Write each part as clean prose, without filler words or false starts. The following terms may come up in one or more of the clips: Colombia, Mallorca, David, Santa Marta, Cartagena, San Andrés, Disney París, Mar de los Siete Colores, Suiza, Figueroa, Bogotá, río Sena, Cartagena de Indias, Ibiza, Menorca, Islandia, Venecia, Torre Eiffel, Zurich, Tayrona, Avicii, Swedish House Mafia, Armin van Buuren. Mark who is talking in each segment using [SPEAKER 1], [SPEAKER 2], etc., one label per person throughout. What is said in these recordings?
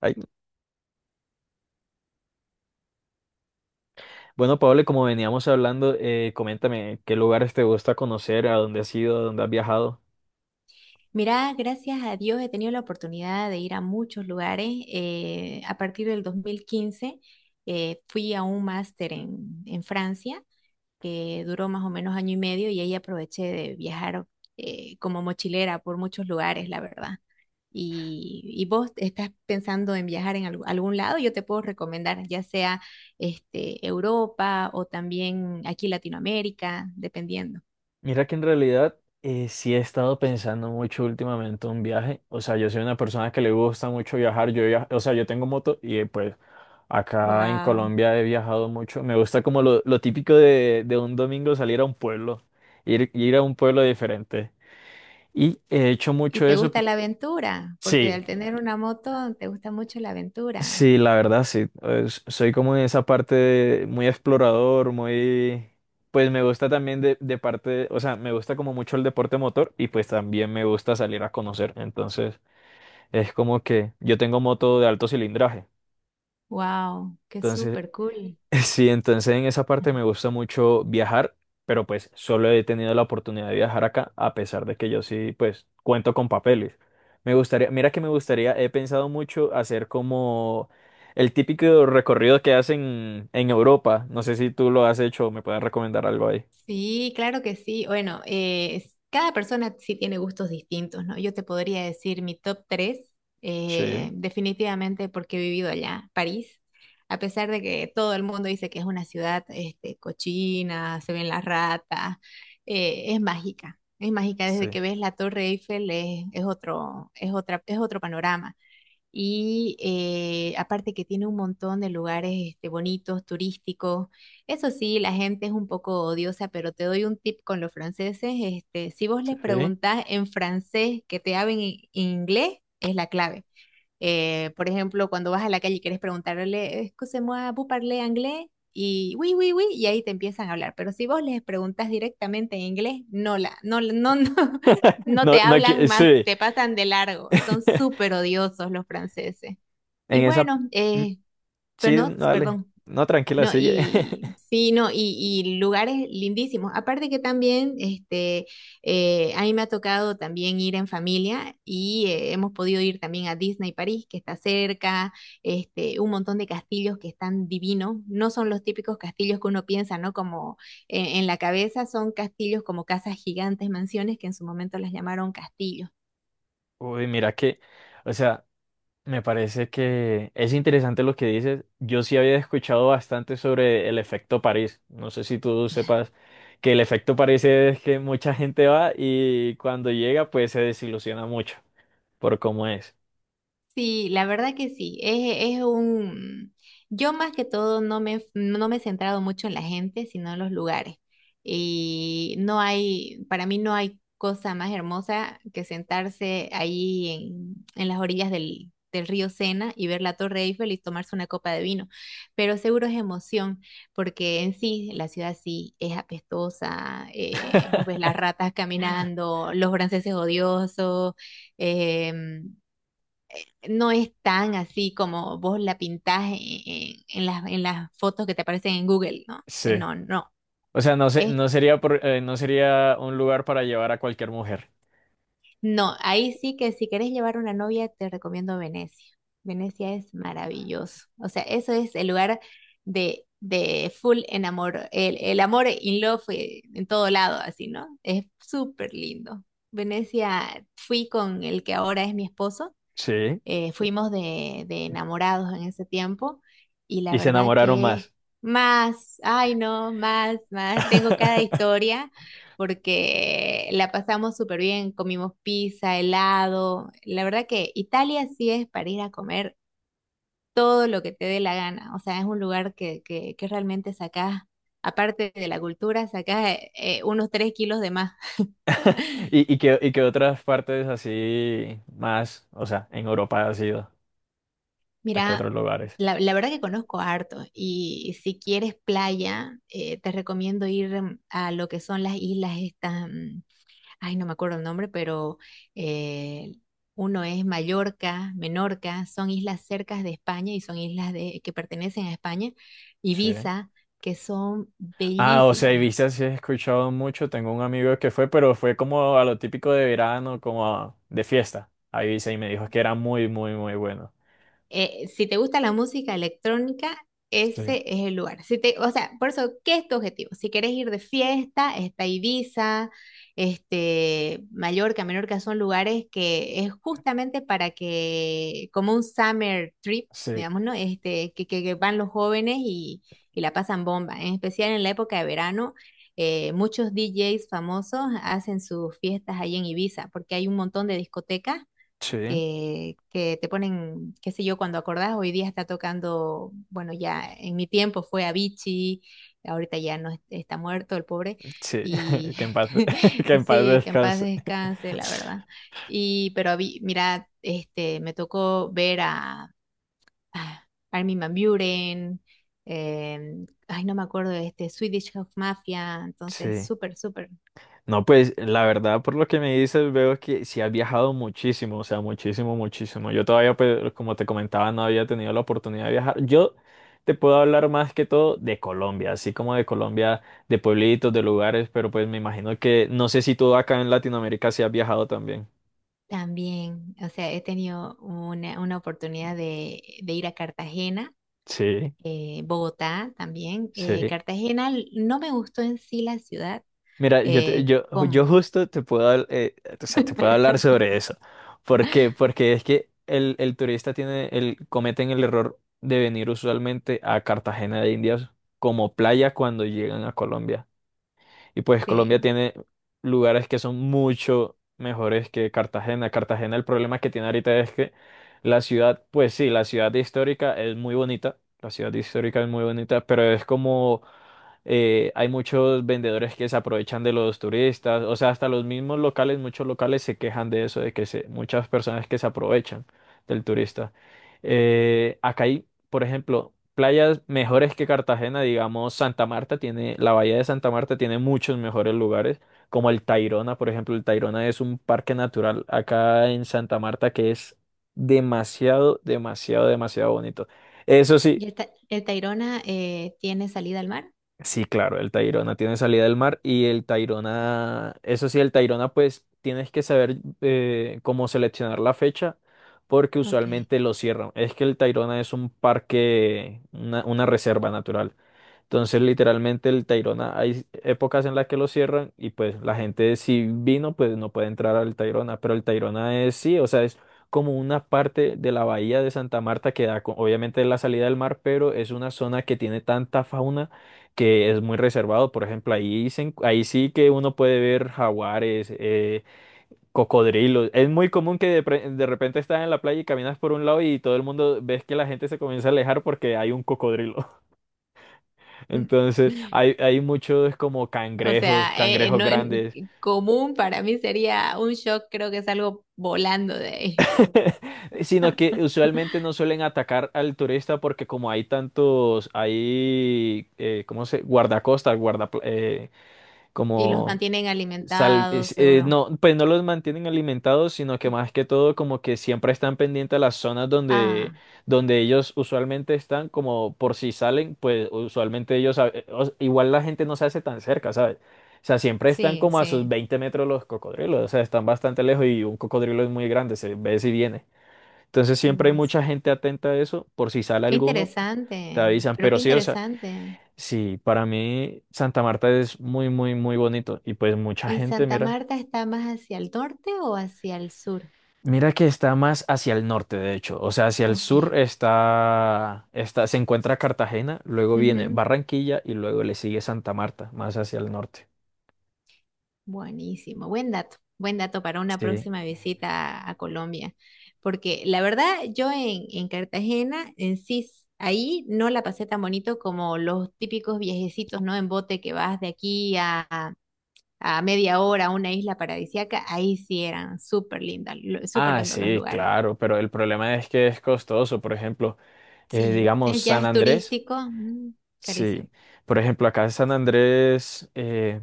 [SPEAKER 1] Ay, bueno, Pablo, como veníamos hablando, coméntame qué lugares te gusta conocer, a dónde has ido, a dónde has viajado.
[SPEAKER 2] Mirá, gracias a Dios he tenido la oportunidad de ir a muchos lugares. A partir del 2015 fui a un máster en Francia que duró más o menos año y medio y ahí aproveché de viajar como mochilera por muchos lugares, la verdad. Y vos estás pensando en viajar en algún lado, yo te puedo recomendar ya sea este, Europa o también aquí Latinoamérica, dependiendo.
[SPEAKER 1] Mira que en realidad sí he estado pensando mucho últimamente en un viaje. O sea, yo soy una persona que le gusta mucho viajar. O sea, yo tengo moto y pues acá en
[SPEAKER 2] Wow.
[SPEAKER 1] Colombia he viajado mucho. Me gusta como lo típico de un domingo salir a un pueblo, ir a un pueblo diferente. Y he hecho
[SPEAKER 2] ¿Y
[SPEAKER 1] mucho
[SPEAKER 2] te
[SPEAKER 1] eso.
[SPEAKER 2] gusta la aventura? Porque
[SPEAKER 1] Sí.
[SPEAKER 2] al tener una moto te gusta mucho la aventura.
[SPEAKER 1] Sí, la verdad, sí. Soy como en esa parte muy explorador, muy... Pues me gusta también de parte, o sea, me gusta como mucho el deporte motor y pues también me gusta salir a conocer. Entonces, es como que yo tengo moto de alto cilindraje.
[SPEAKER 2] Wow, qué
[SPEAKER 1] Entonces,
[SPEAKER 2] súper cool.
[SPEAKER 1] sí, entonces en esa parte me gusta mucho viajar, pero pues solo he tenido la oportunidad de viajar acá, a pesar de que yo sí, pues cuento con papeles. Me gustaría, mira que me gustaría, he pensado mucho hacer como el típico recorrido que hacen en Europa. No sé si tú lo has hecho o me puedes recomendar algo ahí.
[SPEAKER 2] Sí, claro que sí. Bueno, cada persona sí tiene gustos distintos, ¿no? Yo te podría decir mi top 3,
[SPEAKER 1] Sí,
[SPEAKER 2] definitivamente porque he vivido allá, París. A pesar de que todo el mundo dice que es una ciudad este, cochina, se ven las ratas, es mágica. Es mágica desde
[SPEAKER 1] sí,
[SPEAKER 2] que ves la Torre Eiffel, es otro, es otra, es otro panorama. Y aparte que tiene un montón de lugares este, bonitos, turísticos. Eso sí, la gente es un poco odiosa, pero te doy un tip con los franceses. Este, si vos les
[SPEAKER 1] sí.
[SPEAKER 2] preguntás en francés que te hablen en inglés, es la clave. Por ejemplo, cuando vas a la calle y quieres preguntarle, excusez-moi, ¿vous parlez anglais? Y oui, oui, oui, y ahí te empiezan a hablar. Pero si vos les preguntas directamente en inglés, no, la, no, no, no, no
[SPEAKER 1] No,
[SPEAKER 2] te
[SPEAKER 1] no,
[SPEAKER 2] hablan más,
[SPEAKER 1] sí.
[SPEAKER 2] te pasan de largo. Son súper odiosos los franceses. Y
[SPEAKER 1] En esa,
[SPEAKER 2] bueno,
[SPEAKER 1] mm,
[SPEAKER 2] pero
[SPEAKER 1] sí,
[SPEAKER 2] no,
[SPEAKER 1] dale.
[SPEAKER 2] perdón,
[SPEAKER 1] No, tranquila,
[SPEAKER 2] no,
[SPEAKER 1] sigue.
[SPEAKER 2] y sí, no, y lugares lindísimos. Aparte que también, este, a mí me ha tocado también ir en familia y hemos podido ir también a Disney París, que está cerca, este, un montón de castillos que están divinos. No son los típicos castillos que uno piensa, ¿no? Como en la cabeza, son castillos como casas gigantes, mansiones, que en su momento las llamaron castillos.
[SPEAKER 1] Uy, mira que, o sea. Me parece que es interesante lo que dices. Yo sí había escuchado bastante sobre el efecto París. No sé si tú sepas que el efecto París es que mucha gente va y cuando llega pues se desilusiona mucho por cómo es.
[SPEAKER 2] Sí, la verdad que sí. Es un. Yo más que todo no me he centrado mucho en la gente, sino en los lugares. Y no hay, para mí no hay cosa más hermosa que sentarse ahí en las orillas del río Sena y ver la Torre Eiffel y tomarse una copa de vino. Pero seguro es emoción, porque en sí la ciudad sí es apestosa. Vos ves las ratas caminando, los franceses odiosos. em, no es tan así como vos la pintás en las fotos que te aparecen en Google, ¿no? Dice,
[SPEAKER 1] Sí.
[SPEAKER 2] no, no,
[SPEAKER 1] O sea,
[SPEAKER 2] es,
[SPEAKER 1] no sería no sería un lugar para llevar a cualquier mujer.
[SPEAKER 2] no, ahí sí que si querés llevar una novia, te recomiendo Venecia. Venecia es maravilloso. O sea, eso es el lugar de full enamor, el amor in love en todo lado, así, ¿no? Es súper lindo. Venecia, fui con el que ahora es mi esposo
[SPEAKER 1] Sí.
[SPEAKER 2] Eh, Fuimos de enamorados en ese tiempo y la
[SPEAKER 1] Y se
[SPEAKER 2] verdad
[SPEAKER 1] enamoraron más.
[SPEAKER 2] que más, ay no, más, más, tengo cada historia porque la pasamos súper bien, comimos pizza, helado, la verdad que Italia sí es para ir a comer todo lo que te dé la gana, o sea, es un lugar que realmente sacás, aparte de la cultura, sacás unos 3 kilos de más.
[SPEAKER 1] ¿Y, y qué otras partes así más, o sea, en Europa ha sido? ¿A qué
[SPEAKER 2] Mira,
[SPEAKER 1] otros lugares?
[SPEAKER 2] la verdad que conozco harto y si quieres playa, te recomiendo ir a lo que son las islas estas, ay, no me acuerdo el nombre, pero eh, uno es Mallorca, Menorca, son islas cercas de España y son islas que pertenecen a España,
[SPEAKER 1] Sí.
[SPEAKER 2] Ibiza, que son
[SPEAKER 1] Ah, o sea,
[SPEAKER 2] bellísimas.
[SPEAKER 1] Ibiza sí he escuchado mucho. Tengo un amigo que fue, pero fue como a lo típico de verano, como de fiesta a Ibiza y me dijo que era muy, muy, muy bueno.
[SPEAKER 2] Si te gusta la música electrónica,
[SPEAKER 1] Sí,
[SPEAKER 2] ese es el lugar. Si te, o sea, por eso, ¿qué es tu objetivo? Si quieres ir de fiesta, está Ibiza, este, Mallorca, Menorca, son lugares que es justamente para que, como un summer trip,
[SPEAKER 1] sí,
[SPEAKER 2] digamos, ¿no? Este, que van los jóvenes y, la pasan bomba. En especial en la época de verano, muchos DJs famosos hacen sus fiestas ahí en Ibiza, porque hay un montón de discotecas
[SPEAKER 1] sí,
[SPEAKER 2] que te ponen, qué sé yo, cuando acordás, hoy día está tocando, bueno, ya en mi tiempo fue Avicii, ahorita ya no es- está muerto el pobre,
[SPEAKER 1] sí.
[SPEAKER 2] y
[SPEAKER 1] Que en paz, que en paz
[SPEAKER 2] sí, que en paz
[SPEAKER 1] descanse.
[SPEAKER 2] descanse, la verdad. Y, pero mira, este, me tocó ver a Armin van Buuren, ay, no me acuerdo de este, Swedish House Mafia, entonces
[SPEAKER 1] Sí.
[SPEAKER 2] súper, súper.
[SPEAKER 1] No, pues la verdad, por lo que me dices, veo que sí has viajado muchísimo, o sea, muchísimo, muchísimo. Yo todavía, pues, como te comentaba, no había tenido la oportunidad de viajar. Yo te puedo hablar más que todo de Colombia, así como de Colombia, de pueblitos, de lugares, pero pues me imagino que no sé si tú acá en Latinoamérica sí has viajado también.
[SPEAKER 2] También, o sea, he tenido una oportunidad de ir a Cartagena
[SPEAKER 1] Sí,
[SPEAKER 2] eh, Bogotá también.
[SPEAKER 1] sí.
[SPEAKER 2] Cartagena no me gustó en sí la ciudad.
[SPEAKER 1] Mira,
[SPEAKER 2] eh,
[SPEAKER 1] yo
[SPEAKER 2] ¿Cómo?
[SPEAKER 1] justo te puedo, o sea, te puedo hablar sobre eso. ¿Por qué? Porque es que el turista tiene el, cometen el error de venir usualmente a Cartagena de Indias como playa cuando llegan a Colombia. Y pues Colombia
[SPEAKER 2] Sí.
[SPEAKER 1] tiene lugares que son mucho mejores que Cartagena. Cartagena, el problema que tiene ahorita es que la ciudad, pues sí, la ciudad histórica es muy bonita. La ciudad histórica es muy bonita, pero es como hay muchos vendedores que se aprovechan de los turistas, o sea, hasta los mismos locales, muchos locales se quejan de eso, de que se, muchas personas que se aprovechan del turista. Acá hay, por ejemplo, playas mejores que Cartagena, digamos, Santa Marta tiene, la bahía de Santa Marta tiene muchos mejores lugares, como el Tayrona, por ejemplo, el Tayrona es un parque natural acá en Santa Marta que es demasiado, demasiado, demasiado bonito. Eso sí.
[SPEAKER 2] ¿Y el Tayrona tiene salida al mar?
[SPEAKER 1] Sí, claro, el Tayrona tiene salida del mar y el Tayrona, eso sí, el Tayrona pues tienes que saber cómo seleccionar la fecha porque
[SPEAKER 2] Ok.
[SPEAKER 1] usualmente lo cierran. Es que el Tayrona es un parque, una reserva natural. Entonces, literalmente el Tayrona, hay épocas en las que lo cierran y pues la gente si vino, pues no puede entrar al Tayrona, pero el Tayrona es sí, o sea, es como una parte de la bahía de Santa Marta que obviamente la salida del mar, pero es una zona que tiene tanta fauna que es muy reservado. Por ejemplo, ahí, ahí sí que uno puede ver jaguares, cocodrilos. Es muy común que de repente estás en la playa y caminas por un lado y todo el mundo ves que la gente se comienza a alejar porque hay un cocodrilo. Entonces, hay muchos como
[SPEAKER 2] O
[SPEAKER 1] cangrejos,
[SPEAKER 2] sea,
[SPEAKER 1] cangrejos
[SPEAKER 2] no,
[SPEAKER 1] grandes,
[SPEAKER 2] común para mí sería un shock, creo que salgo volando de ahí.
[SPEAKER 1] sino que usualmente no suelen atacar al turista porque como hay tantos, hay, ¿cómo se? Guardacostas, guarda,
[SPEAKER 2] Y los
[SPEAKER 1] como
[SPEAKER 2] mantienen alimentados, seguro.
[SPEAKER 1] no, pues no los mantienen alimentados, sino que más que todo como que siempre están pendientes a las zonas donde,
[SPEAKER 2] Ah,
[SPEAKER 1] donde ellos usualmente están, como por si salen, pues usualmente igual la gente no se hace tan cerca, ¿sabes? O sea, siempre están
[SPEAKER 2] sí,
[SPEAKER 1] como a sus
[SPEAKER 2] sí.
[SPEAKER 1] 20 metros los cocodrilos, o sea, están bastante lejos y un cocodrilo es muy grande, se ve si viene. Entonces siempre hay
[SPEAKER 2] Dios.
[SPEAKER 1] mucha gente atenta a eso, por si sale
[SPEAKER 2] Qué
[SPEAKER 1] alguno, te
[SPEAKER 2] interesante,
[SPEAKER 1] avisan,
[SPEAKER 2] pero qué
[SPEAKER 1] pero sí, o sea,
[SPEAKER 2] interesante.
[SPEAKER 1] sí, para mí Santa Marta es muy, muy, muy bonito y pues mucha
[SPEAKER 2] ¿Y
[SPEAKER 1] gente,
[SPEAKER 2] Santa
[SPEAKER 1] mira.
[SPEAKER 2] Marta está más hacia el norte o hacia el sur?
[SPEAKER 1] Mira que está más hacia el norte, de hecho. O sea, hacia el
[SPEAKER 2] Ok.
[SPEAKER 1] sur está, está, se encuentra Cartagena, luego viene
[SPEAKER 2] Ujú,
[SPEAKER 1] Barranquilla y luego le sigue Santa Marta, más hacia el norte.
[SPEAKER 2] buenísimo. Buen dato. Buen dato para una
[SPEAKER 1] Sí.
[SPEAKER 2] próxima visita a Colombia. Porque la verdad, yo en Cartagena, en sí, ahí no la pasé tan bonito como los típicos viajecitos, ¿no? En bote que vas de aquí a, a media hora a una isla paradisíaca. Ahí sí eran súper lindas, súper
[SPEAKER 1] Ah,
[SPEAKER 2] lindos los
[SPEAKER 1] sí,
[SPEAKER 2] lugares.
[SPEAKER 1] claro, pero el problema es que es costoso. Por ejemplo,
[SPEAKER 2] Sí.
[SPEAKER 1] digamos
[SPEAKER 2] Ya
[SPEAKER 1] San
[SPEAKER 2] es
[SPEAKER 1] Andrés.
[SPEAKER 2] turístico. Carísimo.
[SPEAKER 1] Sí. Por ejemplo, acá en San Andrés,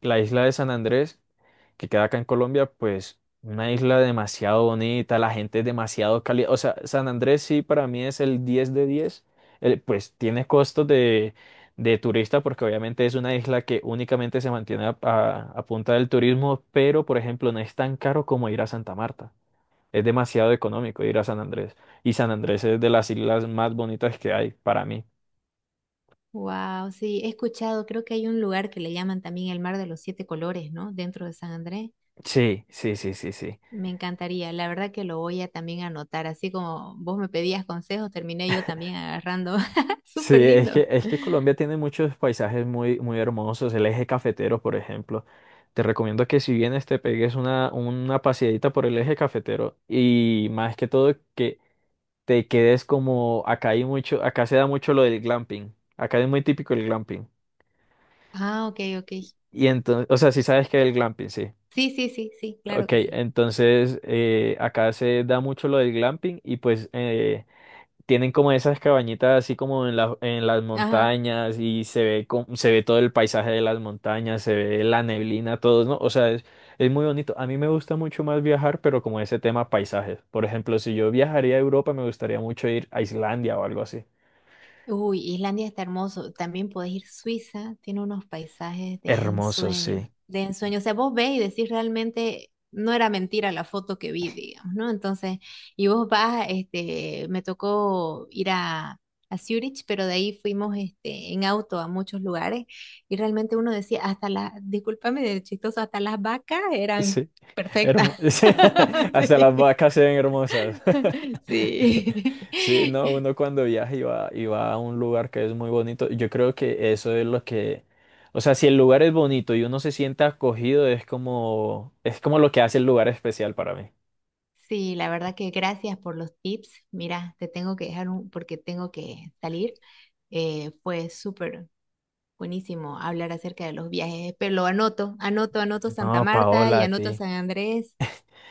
[SPEAKER 1] la isla de San Andrés que queda acá en Colombia, pues una isla demasiado bonita, la gente es demasiado cálida. O sea, San Andrés sí para mí es el 10 de diez. El- pues tiene costos de turista porque obviamente es una isla que únicamente se mantiene a punta del turismo, pero por ejemplo no es tan caro como ir a Santa Marta. Es demasiado económico ir a San Andrés. Y San Andrés es de las islas más bonitas que hay para mí.
[SPEAKER 2] Wow, sí, he escuchado, creo que hay un lugar que le llaman también el Mar de los Siete Colores, ¿no? Dentro de San Andrés.
[SPEAKER 1] Sí, sí, sí, sí, sí.
[SPEAKER 2] Me encantaría, la verdad que lo voy a también anotar, así como vos me pedías consejos, terminé yo también agarrando.
[SPEAKER 1] Sí,
[SPEAKER 2] Súper lindo.
[SPEAKER 1] es que Colombia tiene muchos paisajes muy, muy hermosos. El eje cafetero, por ejemplo. Te recomiendo que si vienes te pegues una paseadita por el eje cafetero y más que todo que te quedes como acá hay mucho, acá se da mucho lo del glamping. Acá es muy típico el glamping.
[SPEAKER 2] Ah, ok, ok.
[SPEAKER 1] Y entonces, o sea, si sabes que es el glamping, sí.
[SPEAKER 2] Sí, sí, sí, sí, claro
[SPEAKER 1] Ok,
[SPEAKER 2] que sí.
[SPEAKER 1] entonces acá se da mucho lo del glamping y pues tienen como esas cabañitas así como en las
[SPEAKER 2] Ajá.
[SPEAKER 1] montañas y se ve, se ve todo el paisaje de las montañas, se ve la neblina, todo, ¿no? O sea, es muy bonito. A mí me gusta mucho más viajar, pero como ese tema paisajes. Por ejemplo, si yo viajaría a Europa, me gustaría mucho ir a Islandia o algo así.
[SPEAKER 2] Uy, Islandia está hermoso. También podés ir a Suiza, tiene unos paisajes de
[SPEAKER 1] Hermoso,
[SPEAKER 2] ensueño,
[SPEAKER 1] sí.
[SPEAKER 2] de ensueño. O sea, vos ves y decís realmente, no era mentira la foto que vi, digamos, ¿no? Entonces, y vos vas, este, me tocó ir a, Zurich, pero de ahí fuimos, este, en auto a muchos lugares y realmente uno decía, hasta las, discúlpame de chistoso, hasta las vacas eran
[SPEAKER 1] Sí.
[SPEAKER 2] perfectas.
[SPEAKER 1] Sí, hasta las vacas se ven hermosas.
[SPEAKER 2] Sí,
[SPEAKER 1] Sí, no,
[SPEAKER 2] sí.
[SPEAKER 1] uno cuando viaja y va a un lugar que es muy bonito, yo creo que eso es lo que, o sea, si el lugar es bonito y uno se siente acogido, es como lo que hace el lugar especial para mí.
[SPEAKER 2] Sí, la verdad que gracias por los tips. Mira, te tengo que dejar un, porque tengo que salir. Fue súper buenísimo hablar acerca de los viajes, pero lo anoto, anoto, anoto Santa
[SPEAKER 1] No,
[SPEAKER 2] Marta
[SPEAKER 1] Paola,
[SPEAKER 2] y
[SPEAKER 1] a ti.
[SPEAKER 2] anoto San Andrés.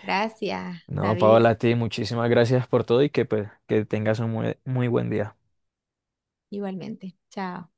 [SPEAKER 2] Gracias,
[SPEAKER 1] No,
[SPEAKER 2] David.
[SPEAKER 1] Paola, a ti, muchísimas gracias por todo y que pues que tengas un muy, muy buen día.
[SPEAKER 2] Igualmente. Chao.